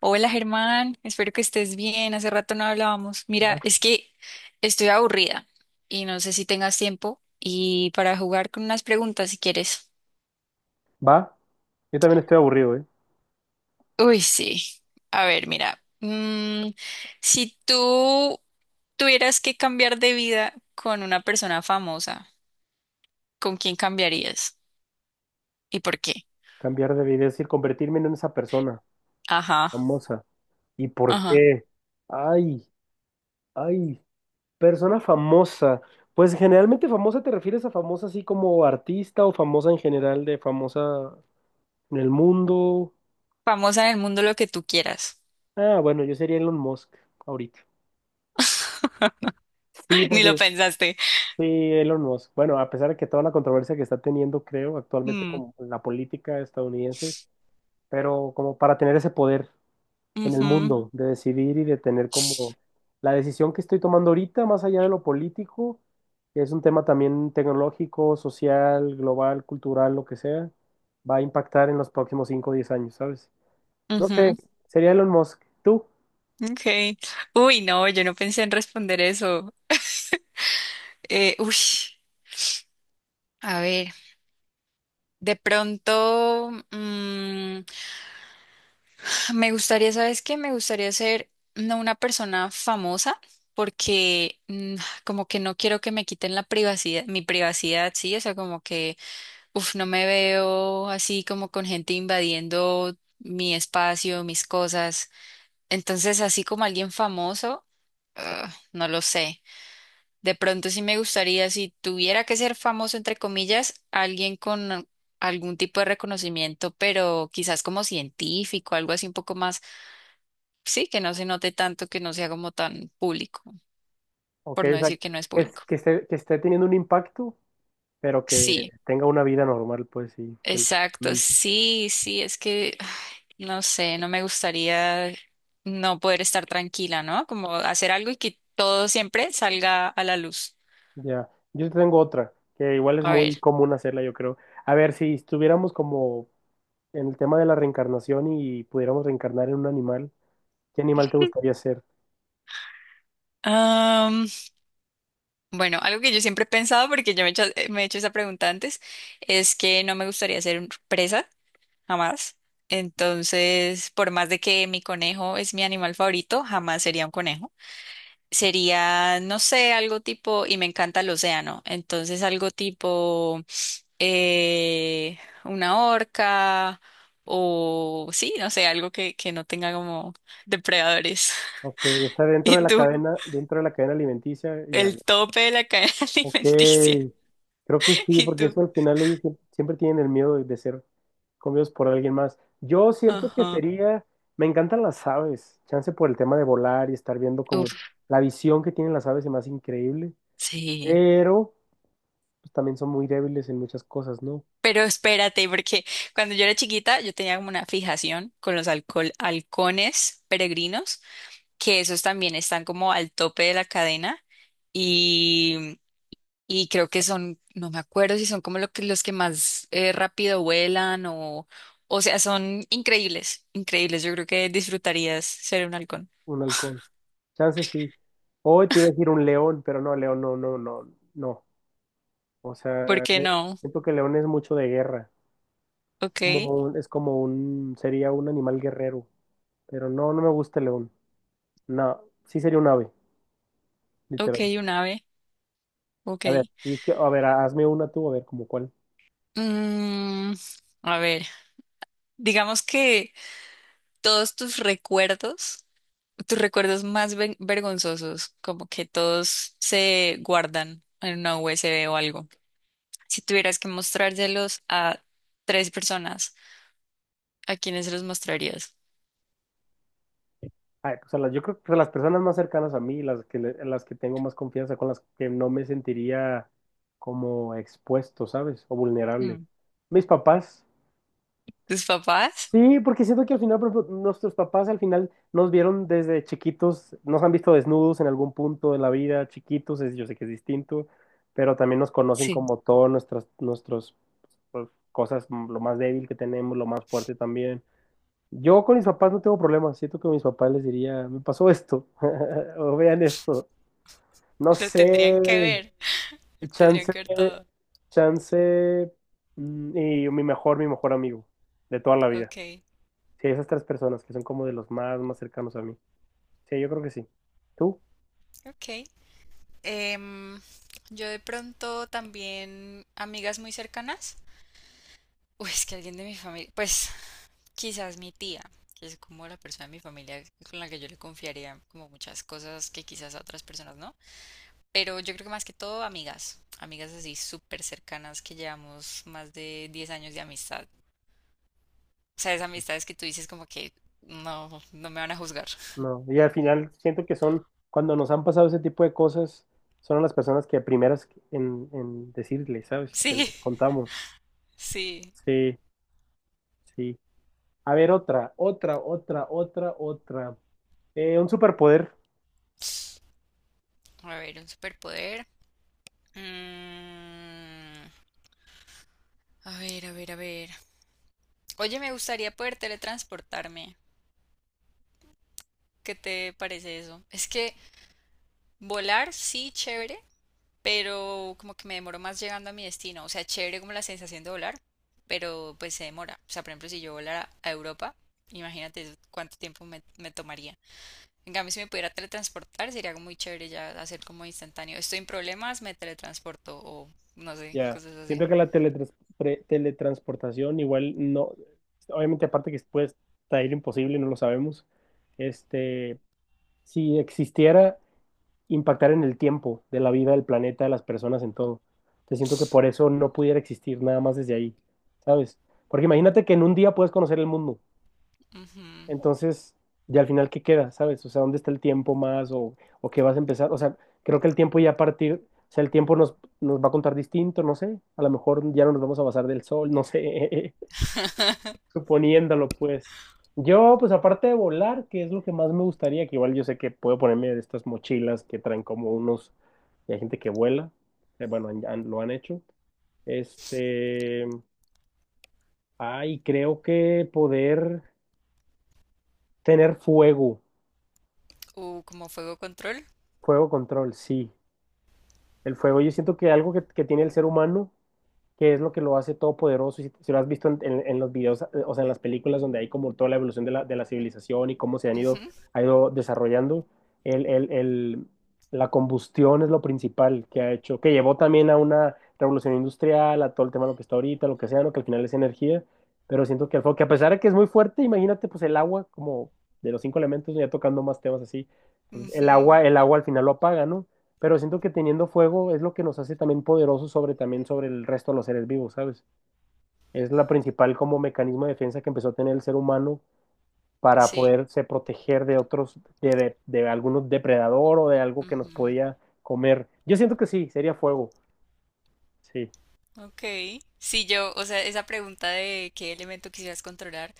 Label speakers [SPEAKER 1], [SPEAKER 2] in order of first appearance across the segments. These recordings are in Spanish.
[SPEAKER 1] Hola Germán, espero que estés bien. Hace rato no hablábamos. Mira, es que estoy aburrida y no sé si tengas tiempo y para jugar con unas preguntas si quieres.
[SPEAKER 2] Va, yo también estoy aburrido, ¿eh?
[SPEAKER 1] Uy, sí. A ver, mira, si tú tuvieras que cambiar de vida con una persona famosa, ¿con quién cambiarías y por qué?
[SPEAKER 2] Cambiar de vida, es decir, convertirme en esa persona
[SPEAKER 1] Ajá,
[SPEAKER 2] famosa. ¿Y por
[SPEAKER 1] ajá.
[SPEAKER 2] qué? Ay, ay, persona famosa. Pues generalmente famosa te refieres a famosa así como artista o famosa en general de famosa en el mundo.
[SPEAKER 1] Famosa en el mundo lo que tú quieras.
[SPEAKER 2] Ah, bueno, yo sería Elon Musk ahorita. Sí,
[SPEAKER 1] Ni lo
[SPEAKER 2] porque
[SPEAKER 1] pensaste.
[SPEAKER 2] sí, Elon Musk. Bueno, a pesar de que toda la controversia que está teniendo, creo, actualmente
[SPEAKER 1] Mm,
[SPEAKER 2] como en la política estadounidense, pero como para tener ese poder. En el
[SPEAKER 1] ujú,
[SPEAKER 2] mundo, de decidir y de tener como la decisión que estoy tomando ahorita, más allá de lo político, que es un tema también tecnológico, social, global, cultural, lo que sea, va a impactar en los próximos 5 o 10 años, ¿sabes? No sé,
[SPEAKER 1] ujú.
[SPEAKER 2] sería Elon Musk, tú,
[SPEAKER 1] Okay. Uy, no, yo no pensé en responder eso. Uy, a ver, de pronto me gustaría, ¿sabes qué? Me gustaría ser no una persona famosa porque como que no quiero que me quiten la privacidad, mi privacidad, sí, o sea, como que, uf, no me veo así como con gente invadiendo mi espacio, mis cosas. Entonces, así como alguien famoso, ah, no lo sé. De pronto sí me gustaría, si tuviera que ser famoso, entre comillas, alguien con algún tipo de reconocimiento, pero quizás como científico, algo así un poco más, sí, que no se note tanto, que no sea como tan público,
[SPEAKER 2] ok,
[SPEAKER 1] por no
[SPEAKER 2] o sea, que,
[SPEAKER 1] decir que no es público.
[SPEAKER 2] que esté teniendo un impacto, pero que
[SPEAKER 1] Sí,
[SPEAKER 2] tenga una vida normal, pues sí,
[SPEAKER 1] exacto,
[SPEAKER 2] felizmente.
[SPEAKER 1] sí, sí, es que, ay, no sé, no me gustaría no poder estar tranquila, ¿no? Como hacer algo y que todo siempre salga a la luz.
[SPEAKER 2] Ya, yo tengo otra, que igual es
[SPEAKER 1] A ver.
[SPEAKER 2] muy común hacerla, yo creo. A ver, si estuviéramos como en el tema de la reencarnación y pudiéramos reencarnar en un animal, ¿qué animal te gustaría ser?
[SPEAKER 1] Bueno, algo que yo siempre he pensado, porque yo me he hecho esa pregunta antes, es que no me gustaría ser presa, jamás. Entonces, por más de que mi conejo es mi animal favorito, jamás sería un conejo. Sería, no sé, algo tipo, y me encanta el océano, entonces algo tipo eh, una orca o sí, no sé, algo que no tenga como depredadores.
[SPEAKER 2] Ok, o sea, dentro
[SPEAKER 1] ¿Y
[SPEAKER 2] de la
[SPEAKER 1] tú?
[SPEAKER 2] cadena, dentro de la cadena alimenticia, ya. Ya.
[SPEAKER 1] El tope de la cadena
[SPEAKER 2] Ok,
[SPEAKER 1] alimenticia.
[SPEAKER 2] creo que sí,
[SPEAKER 1] ¿Y
[SPEAKER 2] porque
[SPEAKER 1] tú?
[SPEAKER 2] eso al final ellos siempre tienen el miedo de ser comidos por alguien más. Yo siento que
[SPEAKER 1] Ajá.
[SPEAKER 2] sería, me encantan las aves, chance por el tema de volar y estar viendo como
[SPEAKER 1] Uf,
[SPEAKER 2] la visión que tienen las aves es más increíble,
[SPEAKER 1] sí.
[SPEAKER 2] pero pues, también son muy débiles en muchas cosas, ¿no?
[SPEAKER 1] Pero espérate, porque cuando yo era chiquita, yo tenía como una fijación con los halcones peregrinos, que esos también están como al tope de la cadena y, y creo que son, no me acuerdo si son como los que más rápido vuelan o sea, son increíbles, increíbles. Yo creo que disfrutarías ser un halcón.
[SPEAKER 2] Un halcón. Chance sí. Hoy te iba a decir un león, pero no, león, no, no, no, no. O
[SPEAKER 1] ¿Por
[SPEAKER 2] sea,
[SPEAKER 1] qué no?
[SPEAKER 2] siento que león es mucho de guerra.
[SPEAKER 1] Ok,
[SPEAKER 2] Como un- es como un, sería un animal guerrero. Pero no, no me gusta el león. No, sí sería un ave,
[SPEAKER 1] ok,
[SPEAKER 2] literal.
[SPEAKER 1] un ave, ok.
[SPEAKER 2] A ver, y que, a ver, hazme una tú, a ver, como cuál.
[SPEAKER 1] Mm, a ver, digamos que todos tus recuerdos más vergonzosos, como que todos se guardan en una USB o algo. Si tuvieras que mostrárselos a tres personas, ¿a quiénes se los mostrarías?
[SPEAKER 2] Ay, o sea, yo creo que las personas más cercanas a mí, las que tengo más confianza, con las que no me sentiría como expuesto, ¿sabes? O vulnerable.
[SPEAKER 1] Mm.
[SPEAKER 2] Mis papás.
[SPEAKER 1] ¿Tus papás?
[SPEAKER 2] Sí, porque siento que al final, por ejemplo, nuestros papás al final nos vieron desde chiquitos, nos han visto desnudos en algún punto de la vida, chiquitos, yo sé que es distinto, pero también nos conocen
[SPEAKER 1] Sí.
[SPEAKER 2] como todas nuestras, nuestros, pues, cosas, lo más débil que tenemos, lo más fuerte también. Yo con mis papás no tengo problemas, siento que mis papás les diría, me pasó esto, o vean esto, no
[SPEAKER 1] Lo tendrían que
[SPEAKER 2] sé,
[SPEAKER 1] ver, lo
[SPEAKER 2] y
[SPEAKER 1] tendrían
[SPEAKER 2] chance,
[SPEAKER 1] que ver todo.
[SPEAKER 2] chance, y mi mejor amigo de toda la vida.
[SPEAKER 1] Ok,
[SPEAKER 2] Sí, esas tres personas que son como de los más, más cercanos a mí. Sí, yo creo que sí. ¿Tú?
[SPEAKER 1] ok. Em, yo de pronto también amigas muy cercanas. Uy, es que alguien de mi familia, pues, quizás mi tía, que es como la persona de mi familia con la que yo le confiaría como muchas cosas que quizás a otras personas no. Pero yo creo que más que todo amigas, amigas así súper cercanas que llevamos más de 10 años de amistad. O sea, esas amistades que tú dices como que no, no me van a juzgar.
[SPEAKER 2] No. Y al final siento que son, cuando nos han pasado ese tipo de cosas, son las personas que primeras en decirle, ¿sabes? Que les contamos.
[SPEAKER 1] Sí, sí.
[SPEAKER 2] Sí, sí. A ver, otra, otra, otra, otra, otra. Un superpoder.
[SPEAKER 1] A ver, un superpoder. Mm, a ver, a ver, a ver. Oye, me gustaría poder teletransportarme. ¿Qué te parece eso? Es que volar sí, chévere, pero como que me demoro más llegando a mi destino. O sea, chévere como la sensación de volar, pero pues se demora. O sea, por ejemplo, si yo volara a Europa, imagínate cuánto tiempo me tomaría. En cambio, si me pudiera teletransportar, sería algo muy chévere ya hacer como instantáneo. Estoy en problemas, me teletransporto o no sé,
[SPEAKER 2] Ya.
[SPEAKER 1] cosas así.
[SPEAKER 2] Siento que la teletransportación igual no, obviamente aparte que puede estar imposible, no lo sabemos. Este, si existiera impactar en el tiempo de la vida, del planeta, de las personas, en todo. Te siento que por eso no pudiera existir nada más desde ahí, ¿sabes? Porque imagínate que en un día puedes conocer el mundo.
[SPEAKER 1] Ujú.
[SPEAKER 2] Entonces, y al final, ¿qué queda? ¿Sabes? O sea, ¿dónde está el tiempo más? ¿O qué vas a empezar? O sea, creo que el tiempo ya a partir, o sea, el tiempo nos va a contar distinto, no sé. A lo mejor ya no nos vamos a basar del sol, no sé suponiéndolo, pues. Yo, pues aparte de volar, que es lo que más me gustaría, que igual yo sé que puedo ponerme de estas mochilas que traen como unos, y hay gente que vuela, bueno, lo han hecho. Este, Ay, creo que poder tener fuego,
[SPEAKER 1] Como fuego control.
[SPEAKER 2] fuego control, sí. El fuego, yo siento que algo que tiene el ser humano que es lo que lo hace todopoderoso. Si lo has visto en, en los videos, o sea, en las películas donde hay como toda la evolución de la civilización y cómo se han ido,
[SPEAKER 1] Ujú,
[SPEAKER 2] ha ido desarrollando, el, el- el- la combustión es lo principal que ha hecho, que llevó también a una revolución industrial, a todo el tema de lo que está ahorita, lo que sea, no que al final es energía, pero siento que el fuego, que a pesar de que es muy fuerte, imagínate pues el agua como de los cinco elementos, ya tocando más temas así, pues, el
[SPEAKER 1] ujú.
[SPEAKER 2] agua, el agua al final lo apaga, ¿no? Pero siento que teniendo fuego es lo que nos hace también poderosos sobre también sobre el resto de los seres vivos, ¿sabes? Es la principal como mecanismo de defensa que empezó a tener el ser humano para
[SPEAKER 1] Sí.
[SPEAKER 2] poderse proteger de otros, de algún depredador o de algo que nos
[SPEAKER 1] Ujú.
[SPEAKER 2] podía comer. Yo siento que sí, sería fuego. Sí,
[SPEAKER 1] Ok. Si yo, o sea, esa pregunta de qué elemento quisieras controlar,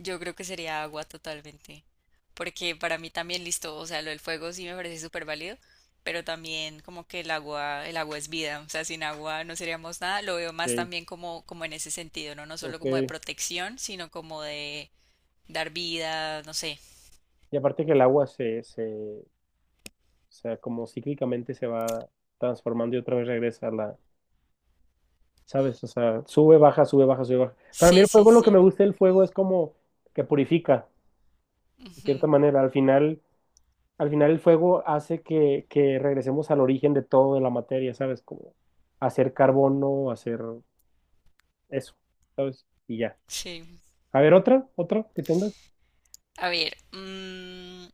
[SPEAKER 1] yo creo que sería agua totalmente. Porque para mí también listo, o sea, lo del fuego sí me parece súper válido, pero también como que el agua es vida, o sea, sin agua no seríamos nada. Lo veo más
[SPEAKER 2] sí,
[SPEAKER 1] también como, como en ese sentido, ¿no? No solo
[SPEAKER 2] ok.
[SPEAKER 1] como de protección, sino como de dar vida, no sé.
[SPEAKER 2] Y aparte que el agua se, o sea, como cíclicamente se va transformando y otra vez regresa a la, ¿sabes? O sea, sube, baja, sube, baja, sube, baja. Para mí
[SPEAKER 1] Sí,
[SPEAKER 2] el
[SPEAKER 1] sí,
[SPEAKER 2] fuego, lo que me
[SPEAKER 1] sí.
[SPEAKER 2] gusta del fuego es como que purifica, de cierta
[SPEAKER 1] Ujú,
[SPEAKER 2] manera. Al final el fuego hace que regresemos al origen de todo de la materia, ¿sabes? Como hacer carbono, hacer eso y ya.
[SPEAKER 1] sí.
[SPEAKER 2] A ver, otra, otra que tengas.
[SPEAKER 1] A ver,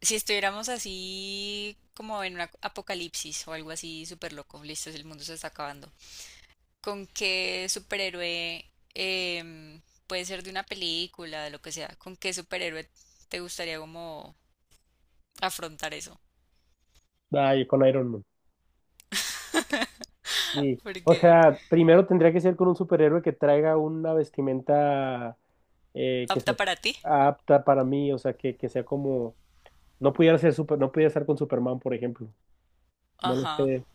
[SPEAKER 1] si estuviéramos así como en un apocalipsis o algo así súper loco, listo, el mundo se está acabando. ¿Con qué superhéroe, em, puede ser de una película, de lo que sea, con qué superhéroe te gustaría como afrontar eso?
[SPEAKER 2] Ay, con Iron Man. Sí, o
[SPEAKER 1] Porque
[SPEAKER 2] sea, primero tendría que ser con un superhéroe que traiga una vestimenta que
[SPEAKER 1] apta
[SPEAKER 2] sea
[SPEAKER 1] para ti.
[SPEAKER 2] apta para mí, o sea, que sea como, no pudiera ser no pudiera estar con Superman, por ejemplo. No lo
[SPEAKER 1] Ajá,
[SPEAKER 2] sé.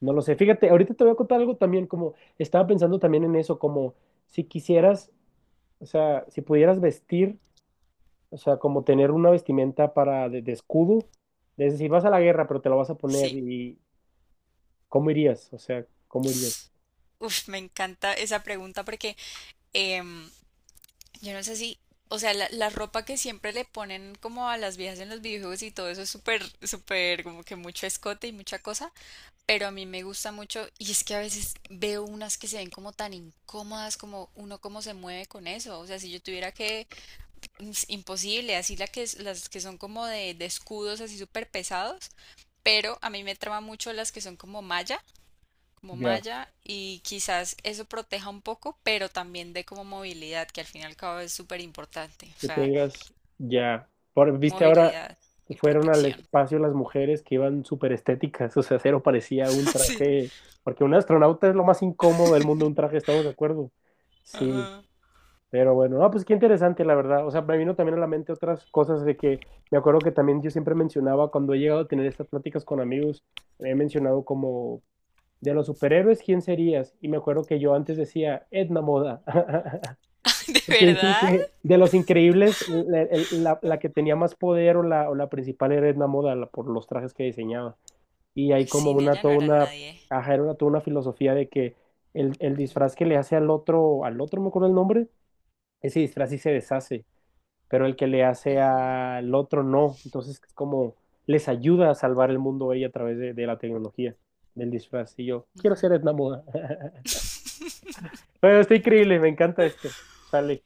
[SPEAKER 2] No lo sé. Fíjate, ahorita te voy a contar algo también, como estaba pensando también en eso, como si quisieras, o sea, si pudieras vestir, o sea, como tener una vestimenta para de escudo, es decir, vas a la guerra, pero te lo vas a poner
[SPEAKER 1] sí.
[SPEAKER 2] y ¿cómo irías? O sea, ¿cómo irías?
[SPEAKER 1] Uf, me encanta esa pregunta porque em, yo no sé si, o sea, la ropa que siempre le ponen como a las viejas en los videojuegos y todo eso es súper, súper, como que mucho escote y mucha cosa, pero a mí me gusta mucho y es que a veces veo unas que se ven como tan incómodas, como uno cómo se mueve con eso, o sea, si yo tuviera que, es imposible, así la que, las que son como de, escudos así súper pesados, pero a mí me trama mucho las que son como malla como
[SPEAKER 2] Ya,
[SPEAKER 1] malla y quizás eso proteja un poco, pero también dé como movilidad, que al fin y al cabo es súper importante, o
[SPEAKER 2] que
[SPEAKER 1] sea,
[SPEAKER 2] tengas, ya. Viste ahora
[SPEAKER 1] movilidad
[SPEAKER 2] que
[SPEAKER 1] y
[SPEAKER 2] fueron al
[SPEAKER 1] protección.
[SPEAKER 2] espacio las mujeres que iban súper estéticas, o sea, cero parecía un
[SPEAKER 1] Sí,
[SPEAKER 2] traje, porque un astronauta es lo más incómodo del mundo, un traje, estamos de acuerdo. Sí.
[SPEAKER 1] ajá.
[SPEAKER 2] Pero bueno, no pues qué interesante, la verdad. O sea, me vino también a la mente otras cosas de que me acuerdo que también yo siempre mencionaba cuando he llegado a tener estas pláticas con amigos, he mencionado como de los superhéroes, ¿quién serías? Y me acuerdo que yo antes decía Edna Moda.
[SPEAKER 1] ¿De
[SPEAKER 2] Porque dicen
[SPEAKER 1] verdad?
[SPEAKER 2] que de los increíbles, la que tenía más poder o la principal era Edna Moda por los trajes que diseñaba. Y hay como
[SPEAKER 1] Sin
[SPEAKER 2] una,
[SPEAKER 1] ella no
[SPEAKER 2] toda
[SPEAKER 1] era
[SPEAKER 2] una,
[SPEAKER 1] nadie.
[SPEAKER 2] ajá, era una, toda una filosofía de que el disfraz que le hace al otro, no me acuerdo el nombre, ese disfraz sí se deshace, pero el que le hace
[SPEAKER 1] Ujú.
[SPEAKER 2] al otro no. Entonces es como les ayuda a salvar el mundo a ella a través de la tecnología, del disfraz. Y yo quiero ser Edna Moda. Bueno, está increíble, me encanta esto. Sale.